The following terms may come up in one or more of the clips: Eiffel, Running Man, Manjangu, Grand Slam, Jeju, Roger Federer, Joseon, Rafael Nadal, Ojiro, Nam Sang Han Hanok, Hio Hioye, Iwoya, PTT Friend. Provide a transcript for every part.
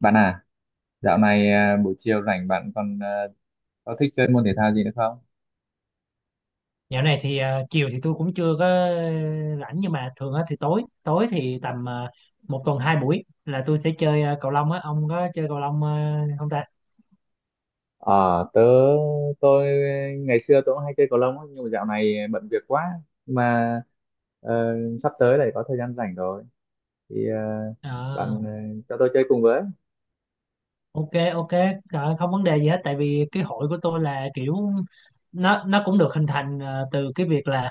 Bạn à, dạo này buổi chiều rảnh bạn còn có thích chơi môn thể thao gì nữa không? Dạo này thì chiều thì tôi cũng chưa có rảnh nhưng mà thường á thì tối tối thì tầm một tuần hai buổi là tôi sẽ chơi cầu lông á, ông có chơi cầu lông không ta? Ờ, tớ tôi ngày xưa tôi cũng hay chơi cầu lông á, nhưng mà dạo này bận việc quá. Nhưng mà ờ, sắp tới lại có thời gian rảnh rồi thì Ờ, bạn cho tôi chơi cùng với. ok, ok. Không vấn đề gì hết, tại vì cái hội của tôi là kiểu nó cũng được hình thành từ cái việc là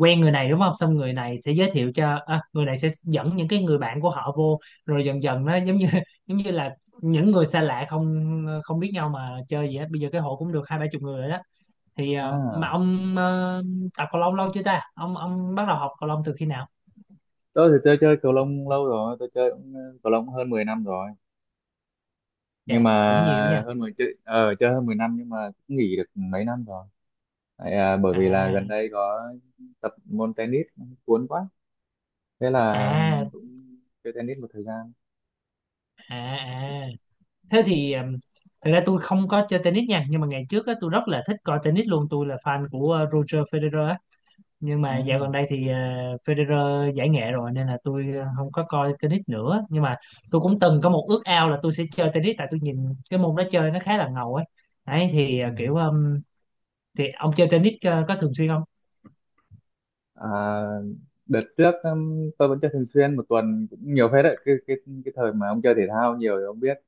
quen người này đúng không, xong người này sẽ giới thiệu cho người này sẽ dẫn những cái người bạn của họ vô, rồi dần dần nó giống như giống như là những người xa lạ không không biết nhau mà chơi gì hết, bây giờ cái hội cũng được hai ba chục người rồi đó. thì ờ, mà à, ông ờ, tập cầu lông lâu chưa ta? Ông bắt đầu học cầu lông từ khi nào? tôi thì tôi chơi cầu lông lâu rồi, tôi chơi cũng, cầu lông hơn 10 năm rồi, nhưng Dạ, mà cũng nhiều nha. hơn 10 chơi ờ, chơi hơn 10 năm nhưng mà cũng nghỉ được mấy năm rồi. Tại, bởi vì là gần À, đây có tập môn tennis cuốn quá, thế là à, cũng chơi tennis một thời gian. à, à, thế thì thật ra tôi không có chơi tennis nha, nhưng mà ngày trước á, tôi rất là thích coi tennis luôn, tôi là fan của Roger Federer á. Nhưng Ừ. mà dạo gần đây thì Federer giải nghệ rồi nên là tôi không có coi tennis nữa, nhưng mà tôi cũng từng có một ước ao là tôi sẽ chơi tennis, tại tôi nhìn cái môn đó chơi nó khá là ngầu ấy đấy, thì kiểu thì ông chơi tennis có thường xuyên không? à, Đợt trước tôi vẫn chơi thường xuyên, một tuần cũng nhiều phết đấy. Cái cái thời mà ông chơi thể thao nhiều thì ông biết,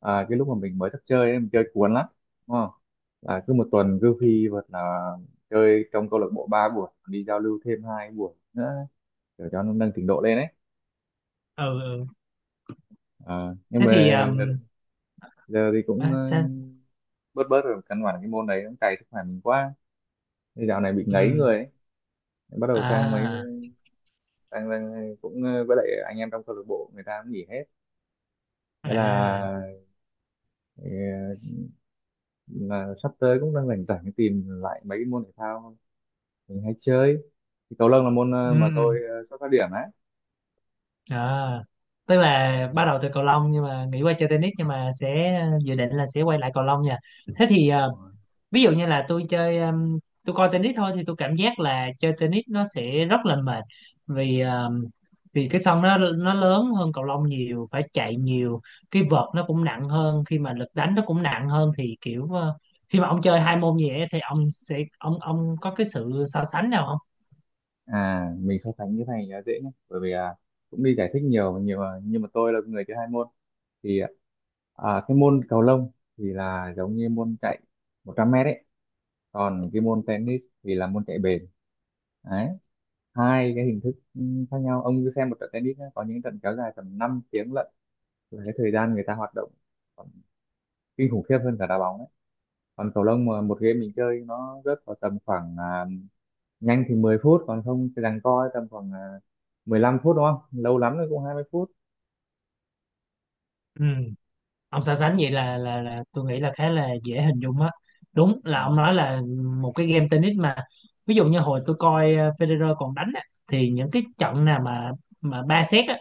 cái lúc mà mình mới thức chơi ấy, mình chơi cuốn lắm, đúng không? Là cứ một tuần cứ phi vật là chơi trong câu lạc bộ ba buổi, đi giao lưu thêm hai buổi nữa để cho nó nâng trình độ lên ấy. Ừ, ừ. Ờ, nhưng thế thì mà đợt um, giờ thì cũng à, sao? bớt bớt rồi, căn bản cái môn đấy cũng cày sức khỏe mình quá. Thế dạo này bị ngấy người Ừm, ấy, bắt đầu sang mấy, à, đang đang cũng với lại anh em trong câu lạc bộ người ta cũng nghỉ hết, thế là, à, ờ, là sắp tới cũng đang rảnh rảnh, tìm lại mấy cái môn thể thao mình hay chơi, thì cầu lông là môn ừm, mà ừm, tôi xuất phát điểm á. à, tức là Ừ, bắt đầu từ cầu lông nhưng mà nghĩ qua chơi tennis nhưng mà sẽ dự định là sẽ quay lại cầu lông nha. thế thì đúng ờ, rồi. ví dụ như là tôi chơi, tôi coi tennis thôi thì tôi cảm giác là chơi tennis nó sẽ rất là mệt, vì vì cái sân nó lớn hơn cầu lông nhiều, phải chạy nhiều, cái vợt nó cũng nặng hơn, khi mà lực đánh nó cũng nặng hơn, thì kiểu khi mà ông chơi hai môn gì ấy, thì ông sẽ ông có cái sự so sánh nào không? Mình so sánh cái này là dễ nhé, bởi vì cũng đi giải thích nhiều nhiều nhưng mà tôi là người chơi hai môn thì cái môn cầu lông thì là giống như môn chạy 100 mét ấy, còn cái môn tennis thì là môn chạy bền đấy. Hai cái hình thức khác nhau. Ông cứ xem một trận tennis nhá, có những trận kéo dài tầm 5 tiếng lận, là cái thời gian người ta hoạt động còn kinh khủng khiếp hơn cả đá bóng đấy. Còn cầu lông mà một game mình chơi nó rớt vào tầm khoảng nhanh thì 10 phút, còn không thì giằng co tầm khoảng 15 phút, đúng không, lâu lắm rồi cũng 20 phút. Ừ, ông so sánh vậy là tôi nghĩ là khá là dễ hình dung á, đúng là ông nói là một cái game tennis mà, ví dụ như hồi tôi coi Federer còn đánh á, thì những cái trận nào mà ba set á,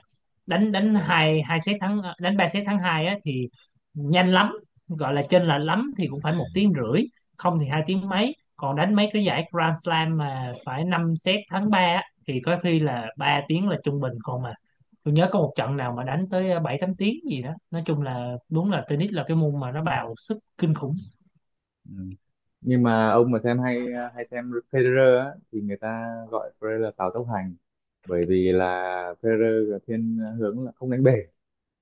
đánh đánh À. hai hai set thắng đánh ba set thắng hai á thì nhanh lắm, gọi là chênh lệch lắm thì cũng phải một tiếng rưỡi, không thì hai tiếng mấy, còn đánh mấy cái giải Grand Slam mà phải 5 set thắng ba á, thì có khi là 3 tiếng là trung bình, còn mà tôi nhớ có một trận nào mà đánh tới 7 8 tiếng gì đó. Nói chung là đúng là tennis là cái môn mà nó bào sức kinh khủng. Ừ. Nhưng mà ông mà xem hay hay xem Federer á, thì người ta gọi Federer là Tào tốc hành, bởi vì là Federer là thiên hướng là không đánh bể,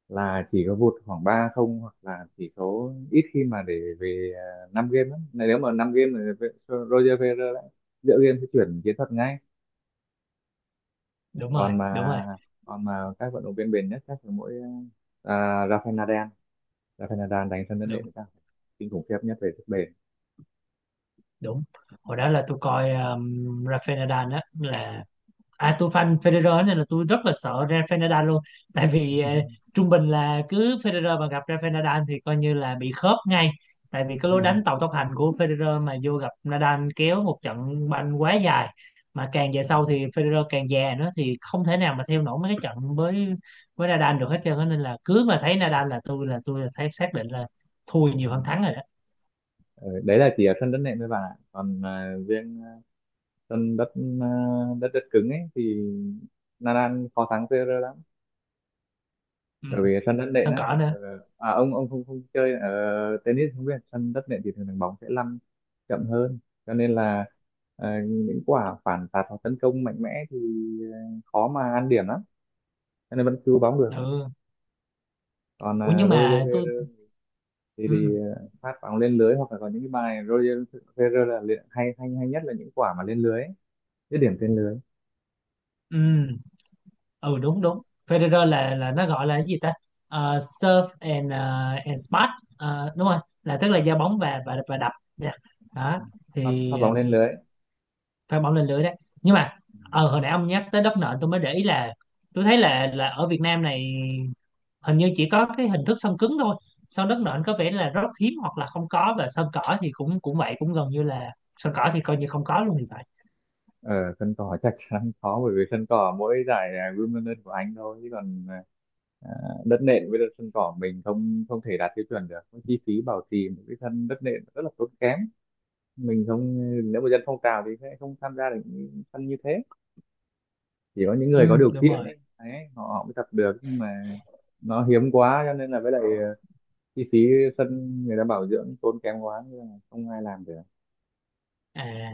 là chỉ có vụt khoảng ba không, hoặc là chỉ có ít khi mà để về 5 game lắm. Này nếu mà 5 game thì Roger Federer lại giữa game sẽ chuyển chiến thuật ngay. Đúng rồi, Còn đúng mà rồi, còn mà các vận động viên bền nhất chắc là mỗi à, Rafael Nadal. Rafael Nadal đánh sân đất đúng nện chắc là kinh khủng khiếp nhất về sức bền. đúng. Hồi đó là tôi coi Rafael Nadal á là, à tôi fan Federer nên là tôi rất là sợ Rafael Nadal luôn, tại vì trung bình là cứ Federer mà gặp Rafael Nadal thì coi như là bị khớp ngay, tại vì cái lối đánh tàu tốc hành của Federer mà vô gặp Nadal kéo một trận banh quá dài, mà càng về À, sau thì Federer càng già nữa thì không thể nào mà theo nổi mấy cái trận với Nadal được hết trơn á. Nên là cứ mà thấy Nadal là tôi thấy xác định là thua ừ. nhiều hơn thắng rồi đó. Ừ, đấy là chỉ ở sân đất nện với bạn ạ, còn riêng sân đất, à, đất cứng ấy thì Nadal khó thắng Federer lắm, Ừ. bởi vì sân đất nện Sân á. cỏ nữa. Ờ, ông không không chơi ở tennis không biết, sân đất nện thì thường thường bóng sẽ lăn chậm hơn, cho nên là những quả phản tạt hoặc tấn công mạnh mẽ thì à, khó mà ăn điểm lắm, cho nên vẫn cứu bóng được. Ừ. Còn Ủa, nhưng Roger mà tôi, Federer thì, ừ. Phát bóng lên lưới hoặc là có những cái bài Roger Federer là hay hay hay nhất là những quả mà lên lưới ấy, dứt điểm trên lưới. Ừ. Ừ. Ừ, đúng đúng, Federer là nó gọi là cái gì ta? Serve and and spot. Đúng rồi, là tức là giao bóng và đập nha, đó. Pháp thì bóng lên um, lưới. pha bóng lên lưới đấy. Nhưng mà ờ, hồi nãy ông nhắc tới đất nện tôi mới để ý là tôi thấy là ở Việt Nam này hình như chỉ có cái hình thức sân cứng thôi, sân đất nện có vẻ là rất hiếm hoặc là không có, và sân cỏ thì cũng cũng vậy, cũng gần như là, sân cỏ thì coi như không có luôn thì phải. Ở sân cỏ chắc chắn khó, bởi vì sân cỏ mỗi giải Wimbledon của Anh thôi, chứ còn à, đất nện với đất sân cỏ mình không không thể đạt tiêu chuẩn được. Cái chi phí bảo trì một cái sân đất nện rất là tốn kém, mình không, nếu mà dân phong trào thì sẽ không tham gia được những sân như thế, chỉ có những Ừ, người có điều đúng kiện rồi. ấy đấy, họ, họ mới tập được. Nhưng mà nó hiếm quá, cho nên là với lại chi phí sân người ta bảo dưỡng tốn kém quá nên là không ai làm được. À,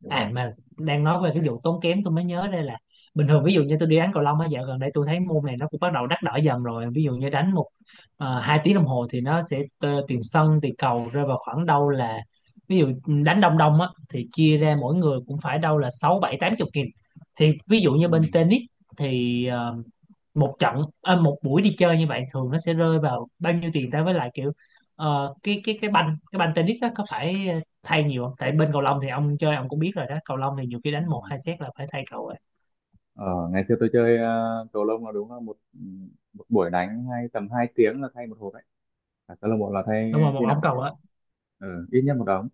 Ừ. à, mà đang nói về cái vụ tốn kém tôi mới nhớ đây là, bình thường ví dụ như tôi đi đánh cầu lông á, dạo gần đây tôi thấy môn này nó cũng bắt đầu đắt đỏ dần rồi, ví dụ như đánh một hai tiếng đồng hồ thì nó sẽ t- tiền sân tiền cầu rơi vào khoảng đâu là, ví dụ đánh đông đông á thì chia ra mỗi người cũng phải đâu là sáu bảy tám chục nghìn. Thì ví dụ Ừ. như bên tennis thì một trận, một buổi đi chơi như vậy thường nó sẽ rơi vào bao nhiêu tiền ta, với lại kiểu cái cái banh tennis đó có phải thay nhiều không, tại bên cầu lông thì ông chơi ông cũng biết rồi đó, cầu lông thì nhiều khi Ừ. đánh một hai set là phải thay cầu rồi. Ờ, ngày xưa tôi chơi cầu lông là đúng là một, một buổi đánh hay tầm 2 tiếng là thay một hộp đấy. Cả câu lạc bộ là thay, Đúng rồi, một khi nào ống cũng thay cầu một á. hộp. Ừ, ít nhất một đống.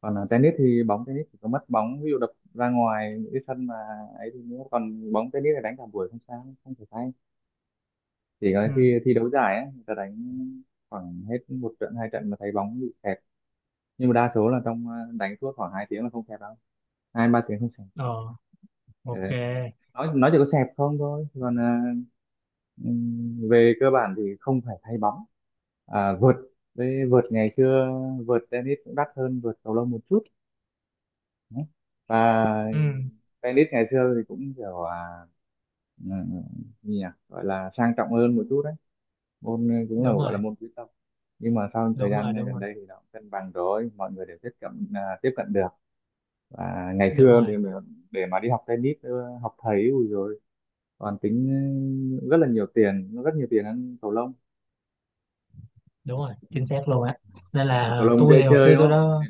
Còn tennis thì bóng tennis chỉ có mất bóng, ví dụ đập ra ngoài những cái sân mà ấy thì nữa. Còn bóng tennis thì đánh cả buổi không sao, không phải thay. Chỉ có khi Ừ, thi đấu giải ấy, người ta đánh khoảng hết một trận hai trận mà thấy bóng bị kẹt. Nhưng mà đa số là trong đánh suốt khoảng 2 tiếng là không kẹt đâu. Hai ba tiếng không kẹt. ờ, Ừ. ok. Nói chỉ có xẹp không thôi. Còn ừm, về cơ bản thì không phải thay bóng. Vợt, với vợt ngày xưa, vợt tennis cũng đắt hơn vợt cầu lông một chút. Đấy. Và Ừ, tennis ngày xưa thì cũng kiểu ừ, gì nhỉ, gọi là sang trọng hơn một chút đấy, môn cũng là đúng gọi là rồi, môn quý tộc. Nhưng mà sau thời đúng rồi, gian đúng gần rồi, đây thì nó cũng cân bằng rồi, mọi người đều tiếp cận tiếp cận được. Và ngày đúng xưa rồi. Để mà đi học tennis học thầy ui rồi còn tính, rất là nhiều tiền, rất nhiều tiền hơn cầu lông. Đúng rồi, chính xác luôn á, nên Vì là cầu lông dễ tôi thì hồi chơi xưa đúng tôi không? đó,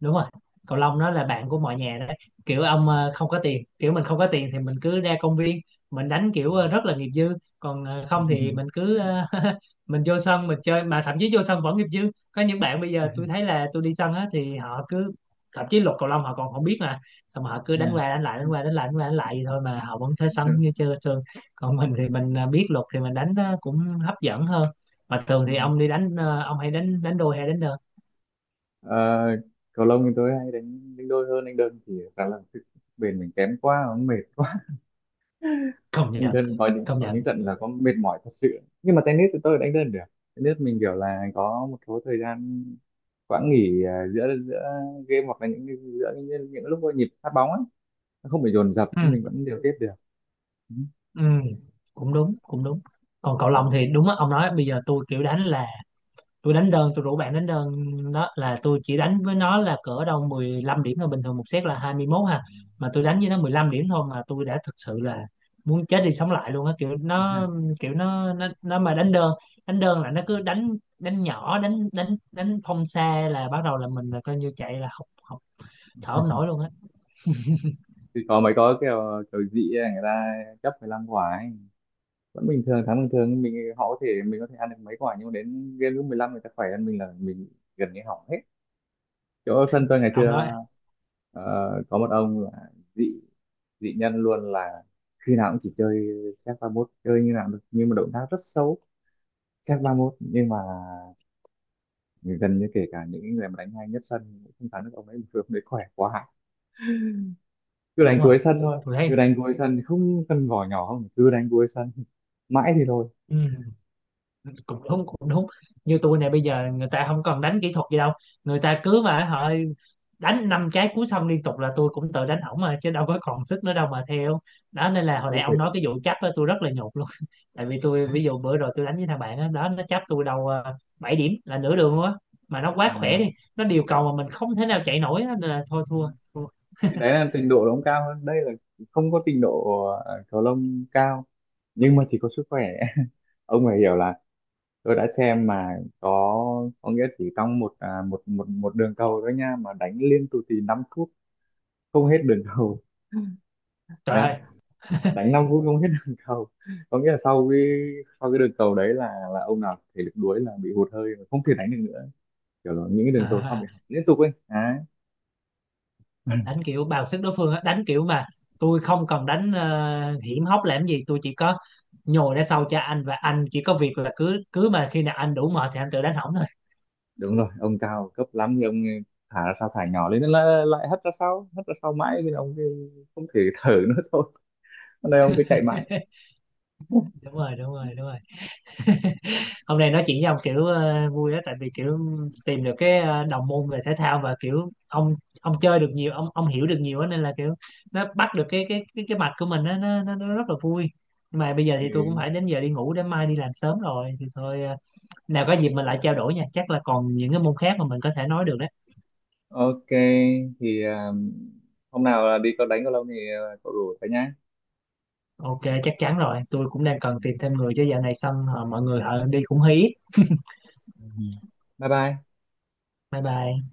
đúng rồi, cầu lông nó là bạn của mọi nhà đấy, kiểu ông không có tiền, kiểu mình không có tiền thì mình cứ ra công viên mình đánh kiểu rất là nghiệp dư, còn không thì mình cứ mình vô sân mình chơi, mà thậm chí vô sân vẫn nghiệp dư, có những bạn bây giờ tôi thấy là tôi đi sân á thì họ cứ, thậm chí luật cầu lông họ còn không biết mà, xong họ cứ đánh qua đánh lại đánh qua đánh lại vậy thôi mà họ vẫn thế sân như chơi thường, còn mình thì mình biết luật thì mình đánh nó cũng hấp dẫn hơn. Mà thường thì ông đi đánh, ông hay đánh đánh đôi hay đánh đơn? Ờ, cầu lông thì tôi hay đánh đánh đôi hơn, đánh đơn thì khá là sức bền mình kém quá, nó mệt quá. Công Đánh nhận, đơn công có những nhận. trận là có mệt mỏi thật sự, nhưng mà tennis thì tôi đánh đơn được. Tennis mình kiểu là có một số thời gian, quãng nghỉ giữa giữa game hoặc là giữa những lúc có nhịp phát bóng ấy, nó không bị dồn dập, Ừ. mình vẫn điều tiết được. Ừ. Ừ, cũng đúng, cũng đúng. Còn cậu Ừ. Long thì đúng á, ông nói bây giờ tôi kiểu đánh là tôi đánh đơn, tôi rủ bạn đánh đơn, đó là tôi chỉ đánh với nó là cỡ đâu 15 điểm thôi, bình thường một set là 21 ha. Mà tôi đánh với nó 15 điểm thôi mà tôi đã thực sự là muốn chết đi sống lại luôn á, kiểu nó, kiểu nó mà đánh đơn là nó cứ đánh đánh nhỏ, đánh đánh đánh phong xa là bắt đầu là mình là coi như chạy là học học thở không nổi luôn á. Thì có mấy, có kiểu kiểu dị ấy, người ta chấp 15 quả ấy vẫn bình thường, tháng bình thường mình, họ có thể, mình có thể ăn được mấy quả nhưng mà đến game lúc 15 người ta khỏe hơn mình là mình gần như hỏng hết. Chỗ sân tôi ngày xưa Ông nói ờ, có một ông là dị dị nhân luôn, là khi nào cũng chỉ chơi xếp ba mốt, chơi như nào được nhưng mà động tác rất xấu, xếp ba mốt nhưng mà gần như kể cả những người mà đánh hay nhất sân cũng không thắng được ông ấy vì ông đấy khỏe quá, cứ đúng đánh rồi. cuối sân thôi, Tôi thấy cứ đánh cuối sân không cần vỏ nhỏ, không cứ đánh cuối sân mãi thì thôi. ừ, cũng đúng cũng đúng, như tôi này bây giờ người ta không cần đánh kỹ thuật gì đâu, người ta cứ mà họ đánh năm trái cú xong liên tục là tôi cũng tự đánh ổng mà, chứ đâu có còn sức nữa đâu mà theo, đó nên là hồi nãy Ông phải ông nói cái vụ chấp á tôi rất là nhột luôn tại vì tôi ví dụ bữa rồi tôi đánh với thằng bạn đó, đó nó chấp tôi đầu 7 điểm là nửa đường luôn á, mà nó quá khỏe đi, nó điều cầu mà mình không thể nào chạy nổi á, nên là thôi, Ừ. thua, thua. Thì đấy là trình độ nó cao hơn, đây là không có trình độ cầu lông cao nhưng mà chỉ có sức khỏe. Ông phải hiểu là tôi đã xem mà có nghĩa chỉ trong một một một đường cầu thôi nha mà đánh liên tục thì 5 phút không hết đường cầu. Nhá, Trời đánh 5 phút không hết đường cầu, có nghĩa là sau cái đường cầu đấy là ông nào thể lực đuối là bị hụt hơi và không thể đánh được nữa, kiểu là những cái đường cầu sau ơi bị hỏng liên tục ấy đấy. đánh kiểu bào sức đối phương á, đánh kiểu mà tôi không cần đánh hiểm hóc làm gì, tôi chỉ có nhồi ra sau cho anh và anh chỉ có việc là cứ cứ mà khi nào anh đủ mệt thì anh tự đánh hỏng thôi. Đúng rồi, ông cao cấp lắm thì ông thả ra sao thả nhỏ lên nó lại lại hất ra sau, hất ra sau mãi nên ông cứ không thể thở nữa. Thôi, hôm nay ông cứ chạy mãi. Đúng rồi, đúng rồi, đúng rồi, hôm nay nói chuyện với ông kiểu vui đó, tại vì kiểu tìm được cái đồng môn về thể thao, và kiểu ông chơi được nhiều, ông hiểu được nhiều á, nên là kiểu nó bắt được cái cái mạch của mình á, nó rất là vui. Nhưng mà bây giờ thì tôi cũng Ừ. phải đến giờ đi ngủ để mai đi làm sớm rồi, thì thôi nào có dịp mình lại trao đổi nha, chắc là còn những cái môn khác mà mình có thể nói được đấy. OK. Thì hôm nào đi có đánh cầu lông thì cậu rủ cả nhá. Ok, chắc chắn rồi, tôi cũng đang cần tìm thêm người chứ dạo này xong mọi người họ đi cũng hí. Ừ. Bye bye. Bye bye.